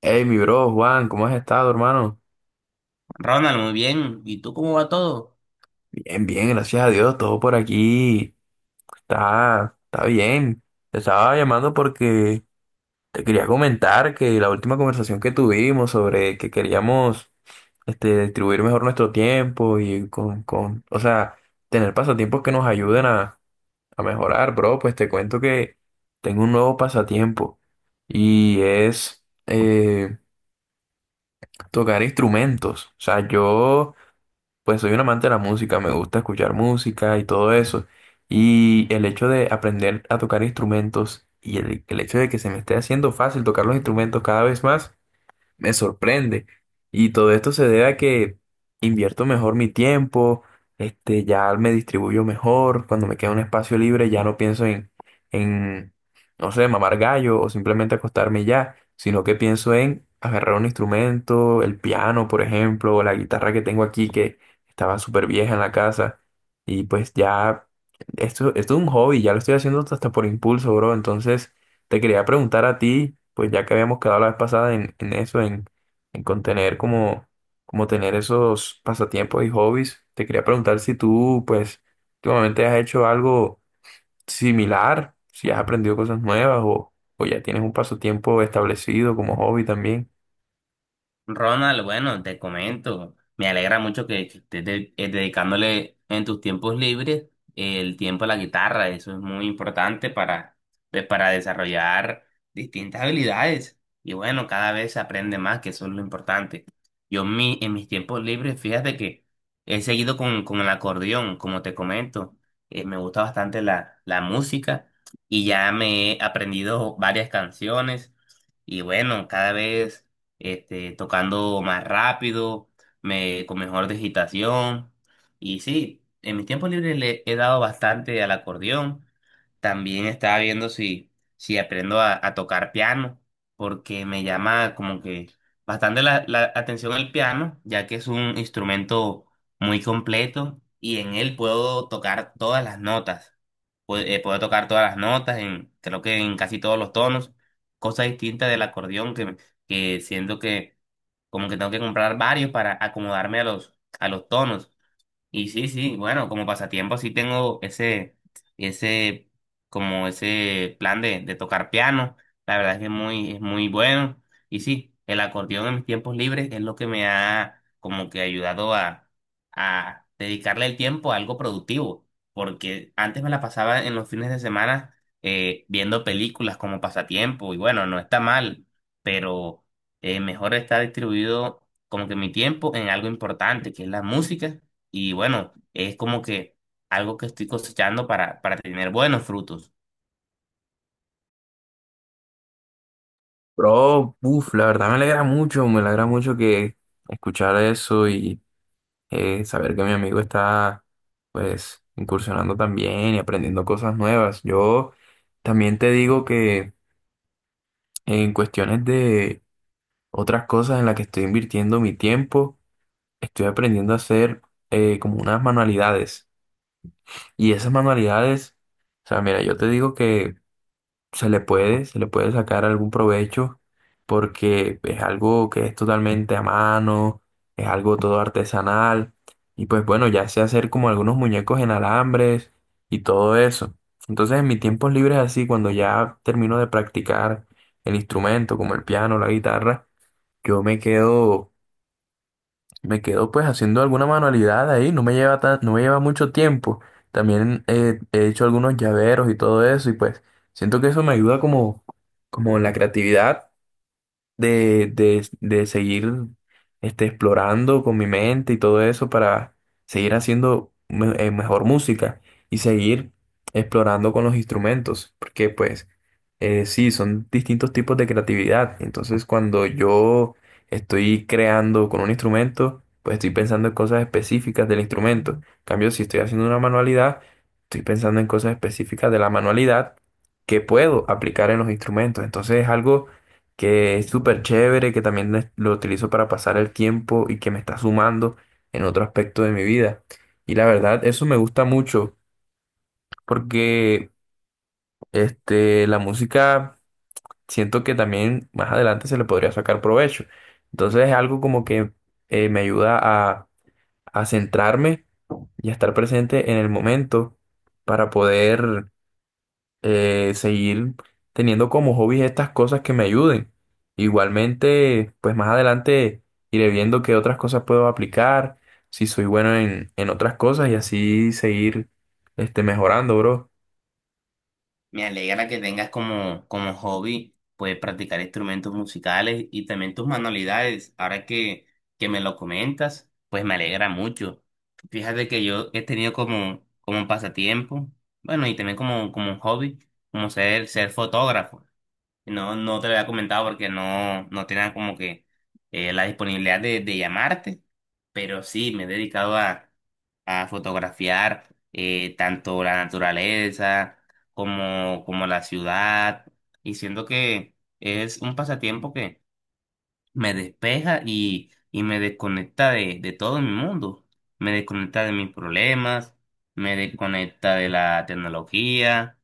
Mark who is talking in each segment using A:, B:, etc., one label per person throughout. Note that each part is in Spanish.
A: Hey, mi bro, Juan, ¿cómo has estado, hermano?
B: Ronald, muy bien. ¿Y tú cómo va todo?
A: Bien, bien, gracias a Dios, todo por aquí está bien. Te estaba llamando porque te quería comentar que la última conversación que tuvimos sobre que queríamos distribuir mejor nuestro tiempo y o sea, tener pasatiempos que nos ayuden a mejorar, bro, pues te cuento que tengo un nuevo pasatiempo y es tocar instrumentos. O sea, yo pues soy un amante de la música, me gusta escuchar música y todo eso. Y el hecho de aprender a tocar instrumentos y el hecho de que se me esté haciendo fácil tocar los instrumentos cada vez más me sorprende. Y todo esto se debe a que invierto mejor mi tiempo, ya me distribuyo mejor, cuando me queda un espacio libre ya no pienso en, no sé, mamar gallo o simplemente acostarme y ya, sino que pienso en agarrar un instrumento, el piano, por ejemplo, o la guitarra que tengo aquí que estaba súper vieja en la casa. Y pues ya, esto es un hobby, ya lo estoy haciendo hasta por impulso, bro, entonces te quería preguntar a ti, pues ya que habíamos quedado la vez pasada en contener como, como tener esos pasatiempos y hobbies, te quería preguntar si tú, pues, últimamente has hecho algo similar, si has aprendido cosas nuevas o ya tienes un pasatiempo establecido como hobby también.
B: Ronald, bueno, te comento, me alegra mucho que dedicándole en tus tiempos libres el tiempo a la guitarra, eso es muy importante para, pues, para desarrollar distintas habilidades y bueno, cada vez se aprende más, que eso es lo importante. En mis tiempos libres, fíjate que he seguido con el acordeón, como te comento, me gusta bastante la música y ya me he aprendido varias canciones. Y bueno, cada vez tocando más rápido, me, con mejor digitación. Y sí, en mis tiempos libres le he dado bastante al acordeón. También estaba viendo si aprendo a tocar piano, porque me llama como que bastante la atención el piano, ya que es un instrumento muy completo y en él puedo tocar todas las notas. Puedo tocar todas las notas, en, creo que en casi todos los tonos, cosa distinta del acordeón, que siento que como que tengo que comprar varios para acomodarme a a los tonos. Y sí, sí, bueno, como pasatiempo sí tengo ese, como ese plan de tocar piano. La verdad es que es muy bueno. Y sí, el acordeón en mis tiempos libres es lo que me ha como que ayudado a dedicarle el tiempo a algo productivo. Porque antes me la pasaba en los fines de semana viendo películas como pasatiempo. Y bueno, no está mal, pero mejor está distribuido como que mi tiempo en algo importante, que es la música y bueno, es como que algo que estoy cosechando para tener buenos frutos.
A: Bro, uff, la verdad me alegra mucho que escuchar eso saber que mi amigo está pues incursionando también y aprendiendo cosas nuevas. Yo también te digo que en cuestiones de otras cosas en las que estoy invirtiendo mi tiempo, estoy aprendiendo a hacer como unas manualidades. Y esas manualidades, o sea, mira, yo te digo que se le puede sacar algún provecho porque es algo que es totalmente a mano, es algo todo artesanal y pues bueno, ya sé hacer como algunos muñecos en alambres y todo eso. Entonces en mis tiempos libres así, cuando ya termino de practicar el instrumento como el piano, la guitarra, yo me quedo pues haciendo alguna manualidad ahí, no me lleva mucho tiempo. También he hecho algunos llaveros y todo eso y pues siento que eso me ayuda como, como en la creatividad de seguir explorando con mi mente y todo eso para seguir haciendo mejor música y seguir explorando con los instrumentos, porque pues sí, son distintos tipos de creatividad. Entonces cuando yo estoy creando con un instrumento, pues estoy pensando en cosas específicas del instrumento. En cambio, si estoy haciendo una manualidad, estoy pensando en cosas específicas de la manualidad que puedo aplicar en los instrumentos. Entonces es algo que es súper chévere, que también lo utilizo para pasar el tiempo y que me está sumando en otro aspecto de mi vida. Y la verdad, eso me gusta mucho porque la música siento que también más adelante se le podría sacar provecho. Entonces es algo como que me ayuda a centrarme y a estar presente en el momento para poder seguir teniendo como hobbies estas cosas que me ayuden. Igualmente, pues más adelante iré viendo qué otras cosas puedo aplicar, si soy bueno en otras cosas y así seguir mejorando, bro.
B: Me alegra que tengas como, como hobby, pues, practicar instrumentos musicales y también tus manualidades. Ahora que me lo comentas, pues me alegra mucho. Fíjate que yo he tenido como, como un pasatiempo, bueno, y también como, como un hobby, como ser, ser fotógrafo. No, no te lo había comentado porque no, no tenía como que la disponibilidad de llamarte, pero sí me he dedicado a fotografiar tanto la naturaleza como, como la ciudad y siento que es un pasatiempo que me despeja y me desconecta de todo mi mundo. Me desconecta de mis problemas, me desconecta de la tecnología,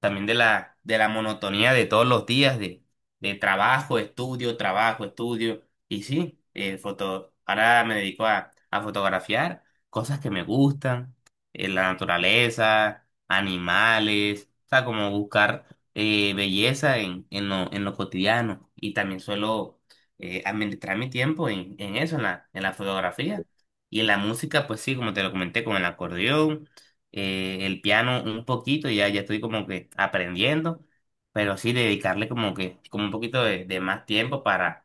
B: también de de la monotonía de todos los días de trabajo, estudio, trabajo, estudio. Y sí, ahora me dedico a fotografiar cosas que me gustan, la naturaleza, animales, o sea, como buscar belleza en en lo cotidiano. Y también suelo administrar mi tiempo en eso, en en la fotografía. Y en la música, pues sí, como te lo comenté, con el acordeón, el piano un poquito, ya estoy como que aprendiendo, pero sí dedicarle como que como un poquito de más tiempo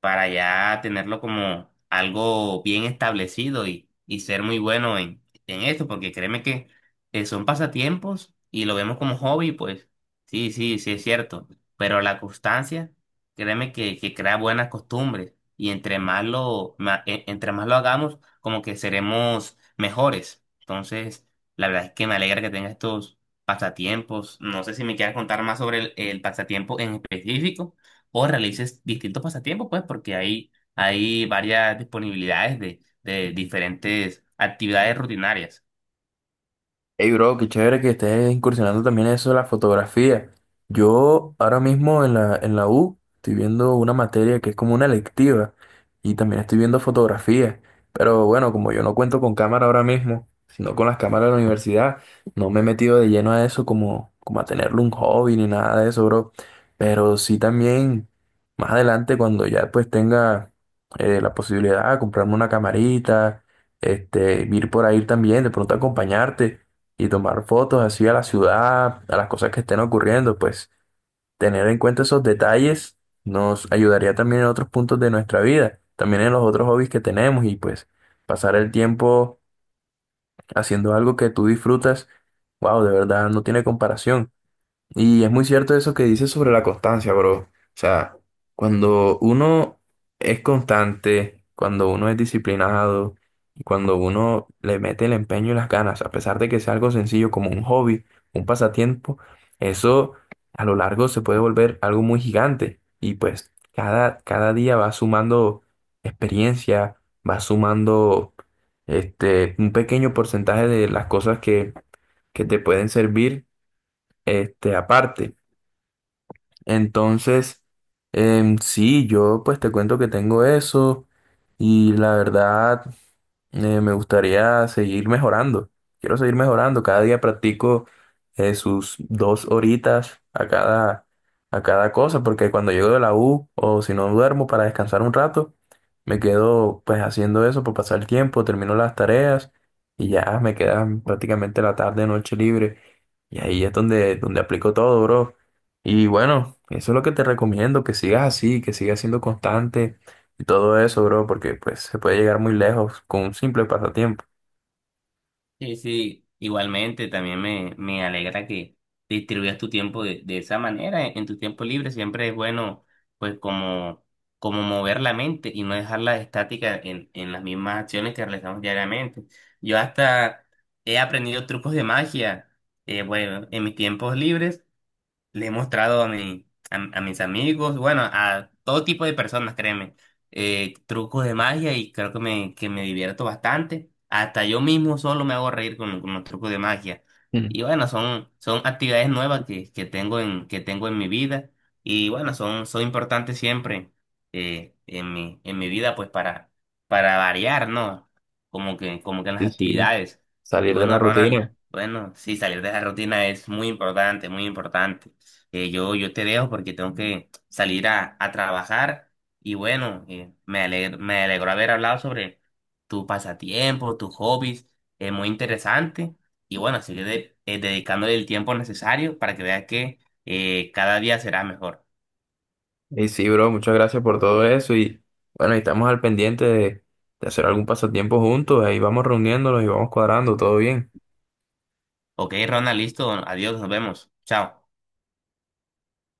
B: para ya tenerlo como algo bien establecido y ser muy bueno en esto, porque créeme que son pasatiempos y lo vemos como hobby, pues sí, sí, sí es cierto, pero la constancia, créeme que crea buenas costumbres y entre más lo hagamos, como que seremos mejores. Entonces, la verdad es que me alegra que tengas estos pasatiempos. No sé si me quieras contar más sobre el pasatiempo en específico o realices distintos pasatiempos, pues, porque hay varias disponibilidades de diferentes actividades rutinarias.
A: Hey bro, qué chévere que estés incursionando también en eso de la fotografía. Yo ahora mismo en en la U estoy viendo una materia que es como una electiva y también estoy viendo fotografía. Pero bueno, como yo no cuento con cámara ahora mismo, sino con las cámaras de la universidad, no me he metido de lleno a eso como, como a tenerlo un hobby ni nada de eso, bro. Pero sí también más adelante cuando ya pues tenga la posibilidad de comprarme una camarita, ir por ahí también, de pronto acompañarte y tomar fotos así a la ciudad, a las cosas que estén ocurriendo, pues tener en cuenta esos detalles nos ayudaría también en otros puntos de nuestra vida, también en los otros hobbies que tenemos y pues pasar el tiempo haciendo algo que tú disfrutas, wow, de verdad no tiene comparación. Y es muy cierto eso que dices sobre la constancia, bro. O sea, cuando uno es constante, cuando uno es disciplinado y cuando uno le mete el empeño y las ganas, a pesar de que sea algo sencillo como un hobby, un pasatiempo, eso a lo largo se puede volver algo muy gigante. Y pues cada día va sumando experiencia, va sumando un pequeño porcentaje de las cosas que te pueden servir aparte. Entonces, sí, yo pues te cuento que tengo eso y la verdad me gustaría seguir mejorando. Quiero seguir mejorando. Cada día practico sus 2 horitas a cada cosa, porque cuando llego de la U o si no duermo para descansar un rato, me quedo pues haciendo eso por pasar el tiempo, termino las tareas y ya me queda prácticamente la tarde, noche libre. Y ahí es donde aplico todo, bro. Y bueno, eso es lo que te recomiendo, que sigas así, que sigas siendo constante y todo eso, bro, porque pues se puede llegar muy lejos con un simple pasatiempo.
B: Sí, sí, igualmente también me alegra que distribuyas tu tiempo de esa manera, en tu tiempo libre siempre es bueno, pues, como, como mover la mente y no dejarla estática en las mismas acciones que realizamos diariamente. Yo hasta he aprendido trucos de magia, bueno, en mis tiempos libres le he mostrado a mis amigos, bueno, a todo tipo de personas, créeme, trucos de magia y creo que que me divierto bastante. Hasta yo mismo solo me hago reír con los trucos de magia.
A: Mm.
B: Y bueno, son, son actividades nuevas que tengo en mi vida y bueno, son, son importantes siempre en mi vida, pues para variar, ¿no? Como que en las
A: Sí, sí,
B: actividades. Y
A: salir de la
B: bueno, Ronald,
A: rutina.
B: bueno, sí, salir de la rutina es muy importante, muy importante, yo te dejo porque tengo que salir a trabajar y bueno, me alegro, me alegró haber hablado sobre tu pasatiempo, tus hobbies, es muy interesante y bueno, sigue dedicándole el tiempo necesario para que veas que cada día será mejor.
A: Y sí, bro, muchas gracias por todo eso. Y bueno, ahí estamos al pendiente de hacer algún pasatiempo juntos. Ahí vamos reuniéndonos y vamos cuadrando, todo bien.
B: Ok, Ronald, listo, adiós, nos vemos, chao.